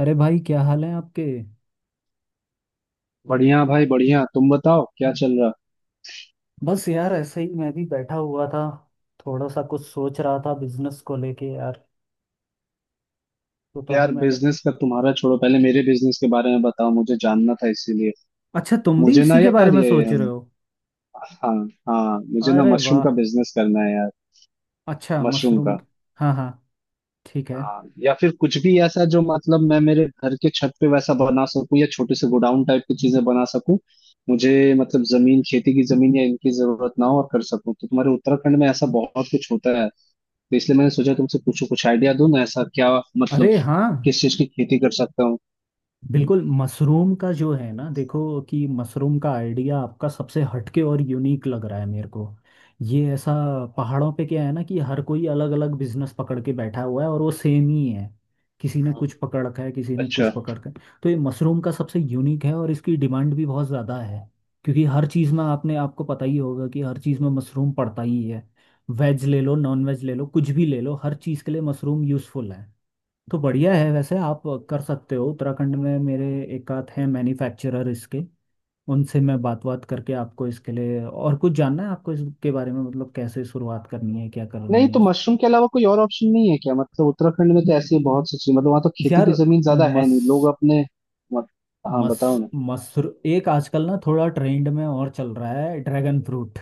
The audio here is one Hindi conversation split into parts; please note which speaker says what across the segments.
Speaker 1: अरे भाई, क्या हाल है आपके।
Speaker 2: बढ़िया भाई, बढ़िया। तुम बताओ क्या चल रहा।
Speaker 1: बस यार, ऐसे ही मैं भी बैठा हुआ था। थोड़ा सा कुछ सोच रहा था बिजनेस को लेके यार, तो तभी
Speaker 2: यार,
Speaker 1: मैंने।
Speaker 2: बिजनेस का तुम्हारा छोड़ो, पहले मेरे बिजनेस के बारे में बताओ। मुझे जानना था इसीलिए।
Speaker 1: अच्छा, तुम भी
Speaker 2: मुझे ना
Speaker 1: इसी के बारे
Speaker 2: यार
Speaker 1: में
Speaker 2: ये।
Speaker 1: सोच रहे हो।
Speaker 2: हाँ। हाँ, मुझे ना
Speaker 1: अरे
Speaker 2: मशरूम
Speaker 1: वाह,
Speaker 2: का बिजनेस करना है यार।
Speaker 1: अच्छा
Speaker 2: मशरूम
Speaker 1: मशरूम।
Speaker 2: का।
Speaker 1: हाँ हाँ, ठीक है।
Speaker 2: हाँ, या फिर कुछ भी ऐसा जो मतलब मैं मेरे घर के छत पे वैसा बना सकूं या छोटे से गोडाउन टाइप की चीजें बना सकूं। मुझे मतलब जमीन, खेती की जमीन या इनकी जरूरत ना हो और कर सकूं, तो तुम्हारे उत्तराखंड में ऐसा बहुत कुछ होता है, तो इसलिए मैंने सोचा तुमसे पूछूं कुछ आइडिया दूं ना ऐसा, क्या मतलब
Speaker 1: अरे हाँ,
Speaker 2: किस चीज की खेती कर सकता हूँ।
Speaker 1: बिल्कुल। मशरूम का जो है ना, देखो कि मशरूम का आइडिया आपका सबसे हटके और यूनिक लग रहा है मेरे को। ये ऐसा, पहाड़ों पे क्या है ना कि हर कोई अलग अलग बिजनेस पकड़ के बैठा हुआ है और वो सेम ही है। किसी ने कुछ पकड़ रखा है, किसी ने कुछ
Speaker 2: अच्छा।
Speaker 1: पकड़ रखा है। तो ये मशरूम का सबसे यूनिक है और इसकी डिमांड भी बहुत ज़्यादा है। क्योंकि हर चीज़ में, आपने आपको पता ही होगा कि हर चीज़ में मशरूम पड़ता ही है। वेज ले लो, नॉन वेज ले लो, कुछ भी ले लो, हर चीज़ के लिए मशरूम यूज़फुल है। तो बढ़िया है। वैसे आप कर सकते हो उत्तराखंड में। मेरे एक आध हैं मैन्युफैक्चरर इसके। उनसे मैं बात बात करके आपको इसके लिए। और कुछ जानना है आपको इसके बारे में, मतलब कैसे शुरुआत करनी है, क्या
Speaker 2: नहीं
Speaker 1: करनी
Speaker 2: तो
Speaker 1: है।
Speaker 2: मशरूम के अलावा कोई और ऑप्शन नहीं है क्या। मतलब उत्तराखंड में तो ऐसी बहुत सी चीज, मतलब वहाँ तो खेती
Speaker 1: यार
Speaker 2: की जमीन ज्यादा है
Speaker 1: मस
Speaker 2: नहीं लोग अपने। मत, हाँ
Speaker 1: मस
Speaker 2: बताओ ना।
Speaker 1: मसर, एक आजकल ना थोड़ा ट्रेंड में और चल रहा है ड्रैगन फ्रूट।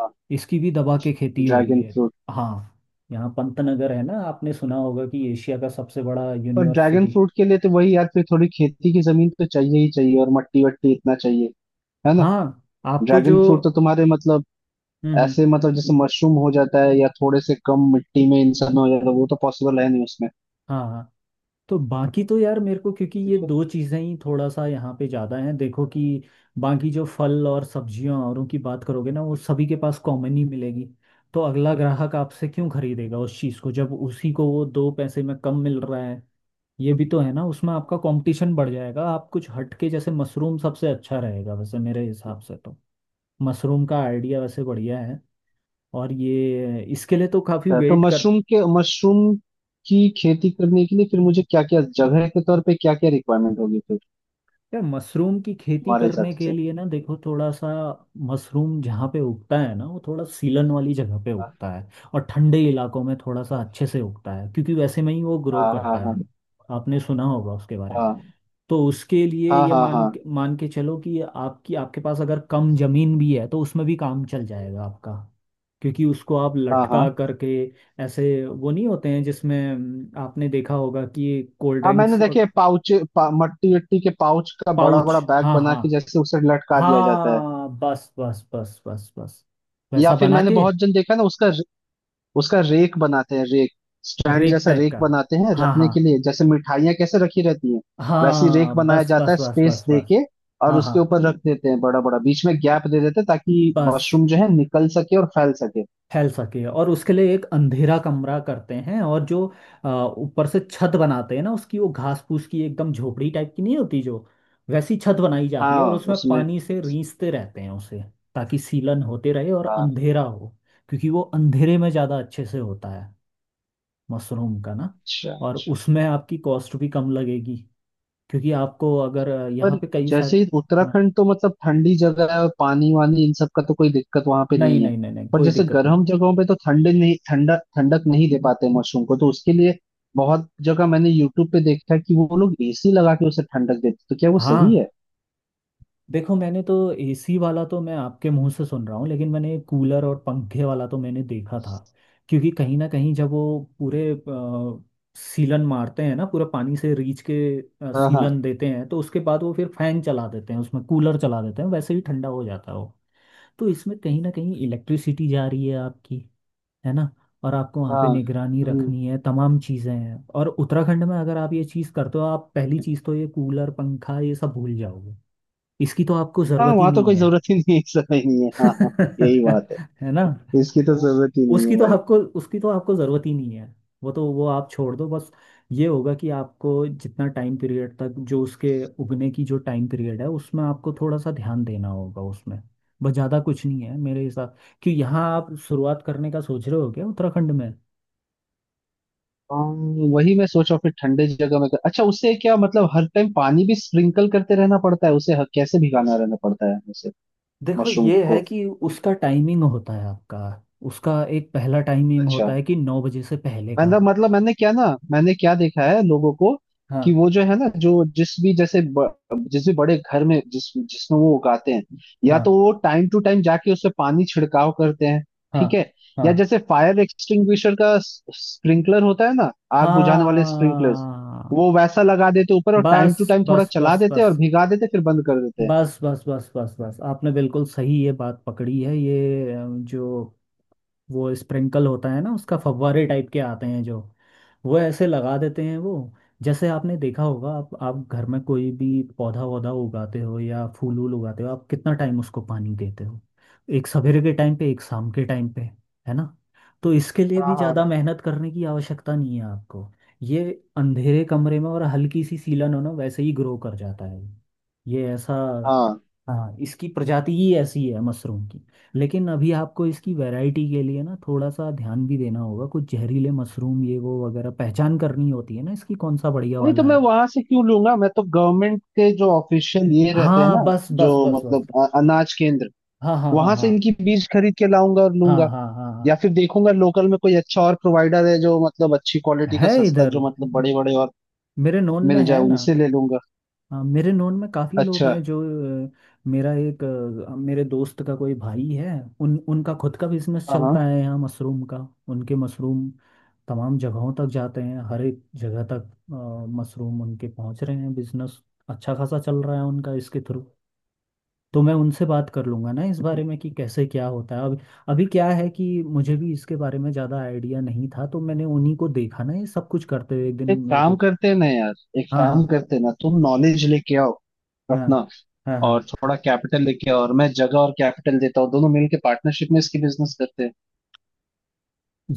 Speaker 2: हाँ,
Speaker 1: इसकी भी दबा के खेती हो रही
Speaker 2: ड्रैगन
Speaker 1: है।
Speaker 2: फ्रूट।
Speaker 1: हाँ, यहाँ पंतनगर है ना, आपने सुना होगा कि एशिया का सबसे बड़ा
Speaker 2: पर ड्रैगन
Speaker 1: यूनिवर्सिटी।
Speaker 2: फ्रूट के लिए तो वही यार, फिर थोड़ी खेती की जमीन तो चाहिए ही चाहिए और मट्टी वट्टी इतना चाहिए। है ना।
Speaker 1: हाँ, आपको जो।
Speaker 2: ड्रैगन फ्रूट तो तुम्हारे मतलब
Speaker 1: हम्म हम्म
Speaker 2: ऐसे, मतलब जैसे मशरूम हो जाता है या थोड़े से कम मिट्टी में इंसान हो जाता है, वो तो पॉसिबल है नहीं उसमें।
Speaker 1: हाँ हाँ। तो बाकी तो यार मेरे को, क्योंकि ये
Speaker 2: अच्छा।
Speaker 1: दो चीज़ें ही थोड़ा सा यहाँ पे ज़्यादा हैं, देखो कि बाकी जो फल और सब्जियाँ औरों की बात करोगे ना, वो सभी के पास कॉमन ही मिलेगी। तो अगला ग्राहक आपसे क्यों खरीदेगा उस चीज़ को, जब उसी को वो दो पैसे में कम मिल रहा है। ये भी तो है ना, उसमें आपका कंपटीशन बढ़ जाएगा। आप कुछ हटके, जैसे मशरूम सबसे अच्छा रहेगा वैसे मेरे हिसाब से तो। मशरूम का आइडिया वैसे बढ़िया है। और ये इसके लिए तो काफ़ी
Speaker 2: तो
Speaker 1: वेट कर।
Speaker 2: मशरूम की खेती करने के लिए फिर मुझे क्या क्या जगह के तौर पे, क्या क्या रिक्वायरमेंट होगी फिर
Speaker 1: यार मशरूम की खेती
Speaker 2: तुम्हारे हिसाब
Speaker 1: करने के
Speaker 2: से।
Speaker 1: लिए ना, देखो थोड़ा सा। मशरूम जहाँ पे उगता है ना, वो थोड़ा सीलन वाली जगह पे उगता है। और ठंडे इलाकों में थोड़ा सा अच्छे से उगता है, क्योंकि वैसे में ही वो ग्रो
Speaker 2: हाँ, हाँ,
Speaker 1: करता
Speaker 2: हाँ,
Speaker 1: है। आपने सुना होगा उसके बारे में।
Speaker 2: हाँ,
Speaker 1: तो उसके लिए
Speaker 2: हाँ,
Speaker 1: ये
Speaker 2: हाँ, हाँ,
Speaker 1: मान
Speaker 2: हाँ,
Speaker 1: के मान के चलो कि आपकी, आपके पास अगर कम जमीन भी है तो उसमें भी काम चल जाएगा आपका। क्योंकि उसको आप
Speaker 2: हाँ,
Speaker 1: लटका
Speaker 2: हाँ।
Speaker 1: करके, ऐसे वो नहीं होते हैं जिसमें आपने देखा होगा कि कोल्ड
Speaker 2: हाँ मैंने
Speaker 1: ड्रिंक्स।
Speaker 2: देखे, पाउच मट्टी वट्टी के पाउच का बड़ा
Speaker 1: पाउच,
Speaker 2: बड़ा बैग
Speaker 1: हाँ
Speaker 2: बना
Speaker 1: हाँ।
Speaker 2: के जैसे उसे लटका दिया जाता है।
Speaker 1: हाँ, बस बस बस बस बस।
Speaker 2: या
Speaker 1: वैसा
Speaker 2: फिर
Speaker 1: बना
Speaker 2: मैंने
Speaker 1: के।
Speaker 2: बहुत जन देखा ना उसका। उसका रेक बनाते हैं, रेक। स्टैंड
Speaker 1: रेक
Speaker 2: जैसा
Speaker 1: टाइप
Speaker 2: रेक
Speaker 1: का,
Speaker 2: बनाते हैं
Speaker 1: हाँ
Speaker 2: रखने
Speaker 1: हाँ।
Speaker 2: के लिए, जैसे मिठाइयाँ कैसे रखी रहती हैं। वैसी रेक
Speaker 1: हाँ,
Speaker 2: बनाया
Speaker 1: बस
Speaker 2: जाता
Speaker 1: बस
Speaker 2: है
Speaker 1: बस
Speaker 2: स्पेस
Speaker 1: बस
Speaker 2: दे
Speaker 1: बस।
Speaker 2: के। और
Speaker 1: हाँ
Speaker 2: उसके
Speaker 1: हाँ,
Speaker 2: ऊपर रख देते हैं, बड़ा बड़ा बीच में गैप दे देते हैं ताकि
Speaker 1: बस।
Speaker 2: मशरूम जो है निकल सके और फैल सके।
Speaker 1: फैल सके। और उसके लिए एक अंधेरा कमरा करते हैं, और जो अ, ऊपर से छत बनाते हैं ना उसकी, वो घास फूस की एकदम झोपड़ी टाइप की नहीं होती जो, वैसी छत बनाई जाती है। और
Speaker 2: हाँ
Speaker 1: उसमें
Speaker 2: उसमें।
Speaker 1: पानी से रींचते रहते हैं उसे, ताकि सीलन होते रहे और
Speaker 2: हाँ।
Speaker 1: अंधेरा हो। क्योंकि वो अंधेरे में ज़्यादा अच्छे से होता है, मशरूम का ना।
Speaker 2: अच्छा
Speaker 1: और
Speaker 2: अच्छा।
Speaker 1: उसमें आपकी कॉस्ट भी कम लगेगी। क्योंकि आपको अगर यहाँ
Speaker 2: पर
Speaker 1: पे कई सारे।
Speaker 2: जैसे ही
Speaker 1: हाँ,
Speaker 2: उत्तराखंड तो मतलब ठंडी जगह है, और पानी वानी इन सब का तो कोई दिक्कत वहां पे
Speaker 1: नहीं
Speaker 2: नहीं है।
Speaker 1: नहीं,
Speaker 2: पर
Speaker 1: कोई
Speaker 2: जैसे
Speaker 1: दिक्कत नहीं।
Speaker 2: गर्म जगहों पे तो ठंडे नहीं, ठंडा ठंडक नहीं दे पाते मशरूम को, तो उसके लिए बहुत जगह मैंने यूट्यूब पे देखा है कि वो लोग एसी लगा के उसे ठंडक देते, तो क्या वो सही
Speaker 1: हाँ,
Speaker 2: है।
Speaker 1: देखो मैंने तो, एसी वाला तो मैं आपके मुंह से सुन रहा हूँ, लेकिन मैंने कूलर और पंखे वाला तो मैंने देखा था। क्योंकि कहीं ना कहीं जब वो पूरे सीलन मारते हैं ना, पूरा पानी से रीच के
Speaker 2: हाँ, हाँ,
Speaker 1: सीलन देते हैं, तो उसके बाद वो फिर फैन चला देते हैं, उसमें कूलर चला देते हैं, वैसे ही ठंडा हो जाता है वो। तो इसमें कहीं ना कहीं इलेक्ट्रिसिटी जा रही है आपकी, है ना। और आपको वहाँ पे
Speaker 2: हाँ।
Speaker 1: निगरानी
Speaker 2: हम्म।
Speaker 1: रखनी है, तमाम चीज़ें हैं। और उत्तराखंड में अगर आप ये चीज़ करते हो, आप पहली चीज़ तो ये कूलर पंखा ये सब भूल जाओगे। इसकी तो आपको
Speaker 2: हाँ
Speaker 1: ज़रूरत ही
Speaker 2: वहां तो
Speaker 1: नहीं
Speaker 2: कोई
Speaker 1: है।
Speaker 2: जरूरत ही नहीं है, ऐसा ही नहीं है। हाँ, हाँ। यही बात
Speaker 1: है ना।
Speaker 2: है। इसकी तो
Speaker 1: वो,
Speaker 2: जरूरत ही नहीं
Speaker 1: उसकी
Speaker 2: है
Speaker 1: तो
Speaker 2: भाई।
Speaker 1: आपको, उसकी तो आपको ज़रूरत ही नहीं है। वो तो वो आप छोड़ दो बस। ये होगा कि आपको जितना टाइम पीरियड तक जो उसके उगने की जो टाइम पीरियड है, उसमें आपको थोड़ा सा ध्यान देना होगा उसमें। बस, ज़्यादा कुछ नहीं है मेरे हिसाब। क्यों, यहाँ आप शुरुआत करने का सोच रहे हो क्या उत्तराखंड में।
Speaker 2: हाँ, वही मैं सोच रहा हूँ फिर ठंडे जगह में कर, अच्छा उससे क्या मतलब, हर टाइम पानी भी स्प्रिंकल करते रहना पड़ता है उसे, कैसे भिगाना रहना पड़ता है उसे
Speaker 1: देखो
Speaker 2: मशरूम
Speaker 1: ये
Speaker 2: को।
Speaker 1: है कि उसका टाइमिंग होता है आपका। उसका एक पहला टाइमिंग होता
Speaker 2: अच्छा
Speaker 1: है कि नौ बजे से पहले का।
Speaker 2: मतलब मैंने क्या ना, मैंने क्या देखा है लोगों को,
Speaker 1: हाँ
Speaker 2: कि वो जो है ना, जो जिस भी जैसे जिस भी बड़े घर में जिसमें वो उगाते हैं, या तो
Speaker 1: हाँ
Speaker 2: वो टाइम टू टाइम जाके उससे पानी छिड़काव करते हैं।
Speaker 1: हाँ
Speaker 2: ठीक है।
Speaker 1: हाँ
Speaker 2: या जैसे फायर एक्सटिंग्विशर का स्प्रिंकलर होता है ना, आग बुझाने वाले स्प्रिंकलर्स,
Speaker 1: हाँ,
Speaker 2: वो वैसा लगा देते ऊपर और टाइम
Speaker 1: बस
Speaker 2: टू टाइम थोड़ा
Speaker 1: बस
Speaker 2: चला
Speaker 1: बस
Speaker 2: देते हैं
Speaker 1: बस
Speaker 2: और भिगा देते, फिर बंद कर देते हैं।
Speaker 1: बस बस बस बस बस। आपने बिल्कुल सही ये बात पकड़ी है। ये जो वो स्प्रिंकल होता है ना, उसका फव्वारे टाइप के आते हैं जो, वो ऐसे लगा देते हैं वो। जैसे आपने देखा होगा, आप घर में कोई भी पौधा वौधा उगाते हो या फूल वूल उगाते हो, आप कितना टाइम उसको पानी देते हो। एक सवेरे के टाइम पे, एक शाम के टाइम पे, है ना। तो इसके लिए
Speaker 2: हाँ,
Speaker 1: भी
Speaker 2: हाँ,
Speaker 1: ज़्यादा
Speaker 2: हाँ,
Speaker 1: मेहनत करने की आवश्यकता नहीं है आपको। ये अंधेरे कमरे में और हल्की सी सीलन हो ना, वैसे ही ग्रो कर जाता है। ये ऐसा,
Speaker 2: हाँ।
Speaker 1: हाँ, इसकी प्रजाति ही ऐसी है मशरूम की। लेकिन अभी आपको इसकी वैरायटी के लिए ना थोड़ा सा ध्यान भी देना होगा, कुछ जहरीले मशरूम ये वो वगैरह पहचान करनी होती है ना, इसकी कौन सा बढ़िया
Speaker 2: नहीं तो
Speaker 1: वाला
Speaker 2: मैं
Speaker 1: है।
Speaker 2: वहां से क्यों लूंगा, मैं तो गवर्नमेंट के जो ऑफिशियल ये रहते हैं
Speaker 1: हाँ,
Speaker 2: ना,
Speaker 1: बस
Speaker 2: जो
Speaker 1: बस बस बस।
Speaker 2: मतलब अनाज केंद्र,
Speaker 1: हाँ हाँ हाँ
Speaker 2: वहां से
Speaker 1: हाँ
Speaker 2: इनकी बीज खरीद के लाऊंगा और
Speaker 1: हाँ
Speaker 2: लूंगा।
Speaker 1: हाँ हाँ
Speaker 2: या फिर देखूंगा लोकल में कोई अच्छा और प्रोवाइडर है जो मतलब अच्छी
Speaker 1: हाँ,
Speaker 2: क्वालिटी का
Speaker 1: है
Speaker 2: सस्ता,
Speaker 1: इधर,
Speaker 2: जो मतलब बड़े बड़े और
Speaker 1: मेरे नोन में
Speaker 2: मिल जाए,
Speaker 1: है ना।
Speaker 2: उनसे ले लूंगा।
Speaker 1: हाँ, मेरे नोन में काफ़ी लोग
Speaker 2: अच्छा।
Speaker 1: हैं जो अ, मेरा एक, मेरे दोस्त का कोई भाई है। उन उनका खुद का बिजनेस
Speaker 2: हाँ
Speaker 1: चलता
Speaker 2: हाँ।
Speaker 1: है यहाँ मशरूम का। उनके मशरूम तमाम जगहों तक जाते हैं, हर एक जगह तक मशरूम उनके पहुँच रहे हैं। बिजनेस अच्छा खासा चल रहा है उनका इसके थ्रू। तो मैं उनसे बात कर लूँगा ना इस बारे में कि कैसे क्या होता है अब। अभी क्या है कि मुझे भी इसके बारे में ज़्यादा आइडिया नहीं था, तो मैंने उन्हीं को देखा ना ये सब कुछ करते हुए एक दिन,
Speaker 2: एक
Speaker 1: मेरे को
Speaker 2: काम
Speaker 1: तो-।
Speaker 2: करते हैं ना यार, एक
Speaker 1: हाँ
Speaker 2: काम
Speaker 1: हाँ
Speaker 2: करते हैं ना, तुम नॉलेज लेके आओ
Speaker 1: हाँ
Speaker 2: अपना,
Speaker 1: हाँ हाँ।
Speaker 2: और थोड़ा कैपिटल लेके आओ, और मैं जगह और कैपिटल देता हूँ, दोनों मिलके पार्टनरशिप में इसकी बिजनेस करते हैं।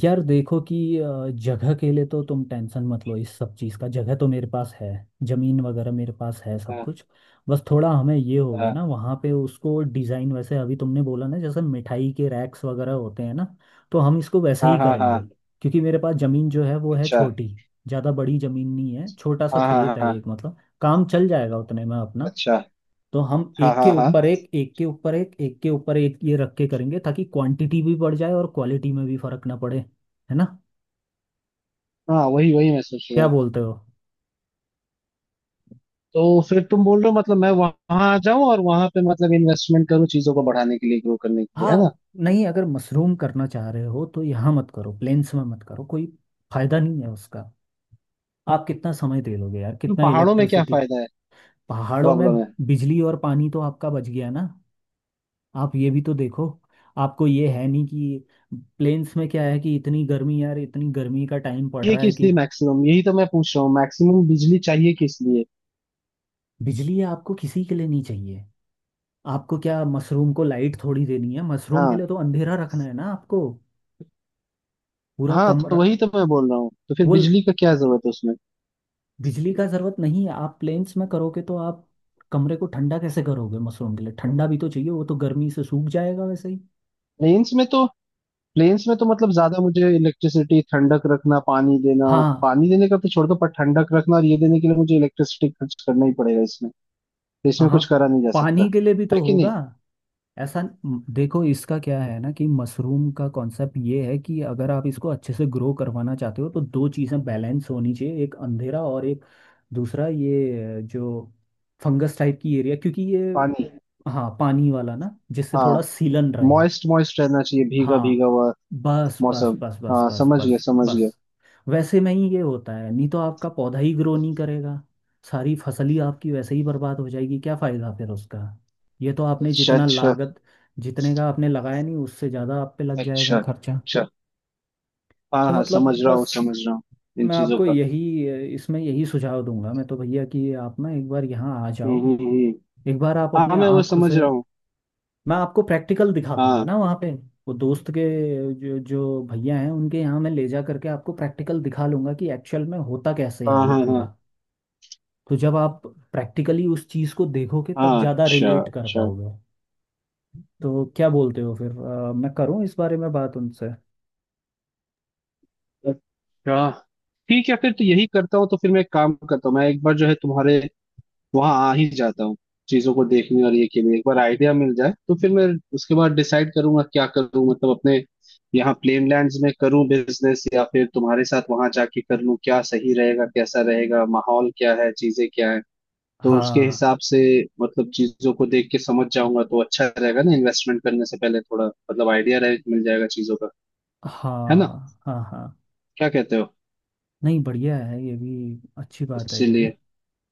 Speaker 1: यार देखो कि जगह के लिए तो तुम टेंशन मत लो इस सब चीज़ का, जगह तो मेरे पास है। ज़मीन वगैरह मेरे पास है सब
Speaker 2: हाँ,
Speaker 1: कुछ। बस थोड़ा हमें ये होगा
Speaker 2: हाँ,
Speaker 1: ना, वहाँ पे उसको डिज़ाइन वैसे अभी तुमने बोला ना, जैसे मिठाई के रैक्स वगैरह होते हैं ना, तो हम इसको वैसे
Speaker 2: हाँ,
Speaker 1: ही
Speaker 2: हाँ, हाँ,
Speaker 1: करेंगे। क्योंकि मेरे पास ज़मीन जो है वो है
Speaker 2: अच्छा।
Speaker 1: छोटी, ज़्यादा बड़ी ज़मीन नहीं है। छोटा सा
Speaker 2: हाँ, हाँ,
Speaker 1: खेत
Speaker 2: हाँ,
Speaker 1: है
Speaker 2: हाँ,
Speaker 1: एक, मतलब काम चल जाएगा उतने में अपना।
Speaker 2: अच्छा।
Speaker 1: तो हम
Speaker 2: हाँ, हाँ, हाँ,
Speaker 1: एक के ऊपर एक ये रख के करेंगे, ताकि क्वांटिटी भी बढ़ जाए और क्वालिटी में भी फर्क ना पड़े, है ना।
Speaker 2: हाँ, वही वही मैं सोच रहा
Speaker 1: क्या
Speaker 2: हूँ।
Speaker 1: बोलते हो।
Speaker 2: तो फिर तुम बोल रहे हो मतलब मैं वहां आ जाऊं, और वहां पे मतलब इन्वेस्टमेंट करूं चीजों को बढ़ाने के लिए, ग्रो करने के लिए, है ना।
Speaker 1: हाँ, नहीं अगर मशरूम करना चाह रहे हो तो यहाँ मत करो, प्लेन्स में मत करो, कोई फायदा नहीं है उसका। आप कितना समय दे लोगे यार,
Speaker 2: तो
Speaker 1: कितना
Speaker 2: पहाड़ों में क्या
Speaker 1: इलेक्ट्रिसिटी।
Speaker 2: फायदा है,
Speaker 1: पहाड़ों में
Speaker 2: प्रॉब्लम है।
Speaker 1: बिजली और पानी तो आपका बच गया ना। आप ये भी तो देखो, आपको ये है नहीं कि, प्लेन्स में क्या है कि इतनी गर्मी यार, इतनी गर्मी का टाइम पड़
Speaker 2: ये
Speaker 1: रहा है
Speaker 2: किस
Speaker 1: कि।
Speaker 2: लिए मैक्सिमम, यही तो मैं पूछ रहा हूँ, मैक्सिमम बिजली चाहिए किस लिए।
Speaker 1: बिजली आपको किसी के लिए नहीं चाहिए। आपको क्या मशरूम को लाइट थोड़ी देनी है, मशरूम के
Speaker 2: हाँ,
Speaker 1: लिए तो अंधेरा रखना है ना आपको, पूरा
Speaker 2: हाँ, तो
Speaker 1: कमरा।
Speaker 2: वही तो मैं बोल रहा हूँ, तो फिर
Speaker 1: वो ल-,
Speaker 2: बिजली का क्या जरूरत है उसमें।
Speaker 1: बिजली का जरूरत नहीं है। आप प्लेन्स में करोगे तो आप कमरे को ठंडा कैसे करोगे, मशरूम के लिए ठंडा भी तो चाहिए, वो तो गर्मी से सूख जाएगा वैसे ही।
Speaker 2: प्लेन्स में तो प्लेन्स में तो मतलब ज्यादा मुझे इलेक्ट्रिसिटी, ठंडक रखना, पानी देना।
Speaker 1: हाँ
Speaker 2: पानी देने का तो छोड़ दो, पर ठंडक रखना और ये देने के लिए मुझे इलेक्ट्रिसिटी खर्च करना ही पड़ेगा इसमें। तो
Speaker 1: हाँ
Speaker 2: इसमें
Speaker 1: हाँ,
Speaker 2: कुछ करा नहीं जा
Speaker 1: पानी
Speaker 2: सकता,
Speaker 1: के लिए भी तो
Speaker 2: है कि
Speaker 1: होगा।
Speaker 2: नहीं।
Speaker 1: ऐसा देखो, इसका क्या है ना कि मशरूम का कॉन्सेप्ट ये है कि अगर आप इसको अच्छे से ग्रो करवाना चाहते हो, तो दो चीज़ें बैलेंस होनी चाहिए। एक अंधेरा, और एक दूसरा ये जो फंगस टाइप की एरिया, क्योंकि ये।
Speaker 2: पानी।
Speaker 1: हाँ पानी वाला ना, जिससे थोड़ा
Speaker 2: हाँ,
Speaker 1: सीलन रहे।
Speaker 2: मॉइस्ट मॉइस्ट रहना चाहिए, भीगा
Speaker 1: हाँ,
Speaker 2: भीगा हुआ
Speaker 1: बस बस
Speaker 2: मौसम।
Speaker 1: बस बस
Speaker 2: हाँ
Speaker 1: बस
Speaker 2: समझ गया,
Speaker 1: बस
Speaker 2: समझ गया।
Speaker 1: बस। वैसे में ही ये होता है, नहीं तो आपका पौधा ही ग्रो नहीं करेगा, सारी फसल ही आपकी वैसे ही बर्बाद हो जाएगी, क्या फायदा फिर उसका। ये तो आपने
Speaker 2: अच्छा
Speaker 1: जितना
Speaker 2: अच्छा।
Speaker 1: लागत, जितने का आपने लगाया नहीं उससे ज़्यादा आप पे लग जाएगा
Speaker 2: अच्छा
Speaker 1: खर्चा।
Speaker 2: अच्छा, हाँ
Speaker 1: तो
Speaker 2: हाँ,
Speaker 1: मतलब
Speaker 2: समझ रहा हूँ,
Speaker 1: बस,
Speaker 2: समझ रहा हूँ। इन
Speaker 1: मैं
Speaker 2: चीजों
Speaker 1: आपको
Speaker 2: का।
Speaker 1: यही इसमें यही सुझाव दूंगा मैं तो भैया, कि आप ना एक बार यहाँ आ
Speaker 2: हम्म,
Speaker 1: जाओ।
Speaker 2: हम्म,
Speaker 1: एक बार आप अपने
Speaker 2: हाँ, मैं वो
Speaker 1: आँखों
Speaker 2: समझ
Speaker 1: से,
Speaker 2: रहा हूँ।
Speaker 1: मैं आपको प्रैक्टिकल दिखा दूंगा ना
Speaker 2: हाँ,
Speaker 1: वहाँ पे। वो दोस्त के जो, जो भैया हैं उनके यहाँ मैं ले जा करके आपको प्रैक्टिकल दिखा लूंगा कि एक्चुअल में होता कैसे है
Speaker 2: हाँ,
Speaker 1: ये
Speaker 2: हाँ, हाँ,
Speaker 1: पूरा। तो जब आप प्रैक्टिकली उस चीज़ को देखोगे, तब
Speaker 2: हाँ,
Speaker 1: ज़्यादा
Speaker 2: अच्छा,
Speaker 1: रिलेट कर
Speaker 2: अच्छा,
Speaker 1: पाओगे। तो क्या बोलते हो फिर, मैं करूँ इस बारे में बात उनसे।
Speaker 2: अच्छा। ठीक है, फिर तो यही करता हूँ, तो फिर मैं एक काम करता हूँ, मैं एक बार जो है तुम्हारे वहां आ ही जाता हूँ, चीजों को देखने, और ये के लिए एक बार आइडिया मिल जाए, तो फिर मैं उसके बाद डिसाइड करूंगा क्या करूँ, मतलब अपने यहाँ प्लेन लैंड्स में करूँ बिजनेस, या फिर तुम्हारे साथ वहां जाके कर लूँ, क्या सही रहेगा, कैसा रहेगा, माहौल क्या है, चीजें क्या है। तो उसके
Speaker 1: हाँ
Speaker 2: हिसाब से मतलब चीजों को देख के समझ जाऊंगा, तो अच्छा रहेगा ना, इन्वेस्टमेंट करने से पहले थोड़ा मतलब आइडिया रहे, मिल जाएगा चीजों का, है ना।
Speaker 1: हाँ हाँ हाँ,
Speaker 2: क्या कहते हो।
Speaker 1: नहीं बढ़िया है, ये भी अच्छी बात है ये भी।
Speaker 2: इसीलिए।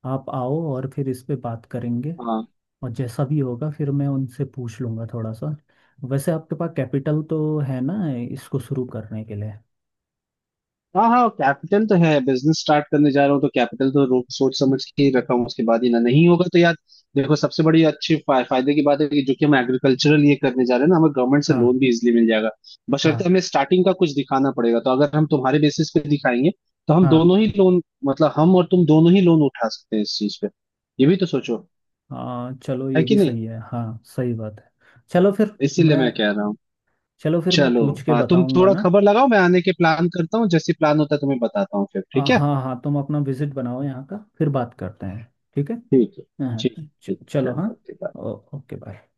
Speaker 1: आप आओ और फिर इस पे बात करेंगे।
Speaker 2: हाँ।
Speaker 1: और जैसा भी होगा फिर मैं उनसे पूछ लूँगा थोड़ा सा। वैसे आपके पास कैपिटल तो है ना, इसको शुरू करने के लिए।
Speaker 2: हाँ हाँ, कैपिटल तो है, बिजनेस स्टार्ट करने जा रहा हूँ तो कैपिटल तो सोच समझ के ही रखा हूँ, उसके बाद ही ना, नहीं होगा तो यार। देखो, सबसे बड़ी अच्छी फायदे की बात है कि जो कि हम एग्रीकल्चरल ये करने जा रहे हैं ना, हमें गवर्नमेंट से लोन
Speaker 1: हाँ
Speaker 2: भी इजिली मिल जाएगा। बशर्ते
Speaker 1: हाँ
Speaker 2: हमें स्टार्टिंग का कुछ दिखाना पड़ेगा, तो अगर हम तुम्हारे बेसिस पे दिखाएंगे, तो हम
Speaker 1: हाँ
Speaker 2: दोनों ही लोन, मतलब हम और तुम दोनों ही लोन उठा सकते हैं इस चीज पे। ये भी तो सोचो,
Speaker 1: हाँ, चलो ये
Speaker 2: है कि
Speaker 1: भी
Speaker 2: नहीं,
Speaker 1: सही है, हाँ सही बात है। चलो फिर।
Speaker 2: इसीलिए
Speaker 1: मैं
Speaker 2: मैं कह रहा हूँ।
Speaker 1: मैं
Speaker 2: चलो।
Speaker 1: पूछ के
Speaker 2: हाँ, तुम
Speaker 1: बताऊँगा
Speaker 2: थोड़ा
Speaker 1: ना।
Speaker 2: खबर लगाओ, मैं आने के प्लान करता हूँ, जैसे प्लान होता है तुम्हें बताता हूँ फिर, ठीक है।
Speaker 1: हाँ हाँ, तुम अपना विजिट बनाओ यहाँ का, फिर बात करते हैं, ठीक है।
Speaker 2: ठीक है।
Speaker 1: हाँ।
Speaker 2: ठीक। ठीक
Speaker 1: चलो हाँ।
Speaker 2: चलो, ओके।
Speaker 1: Okay bye.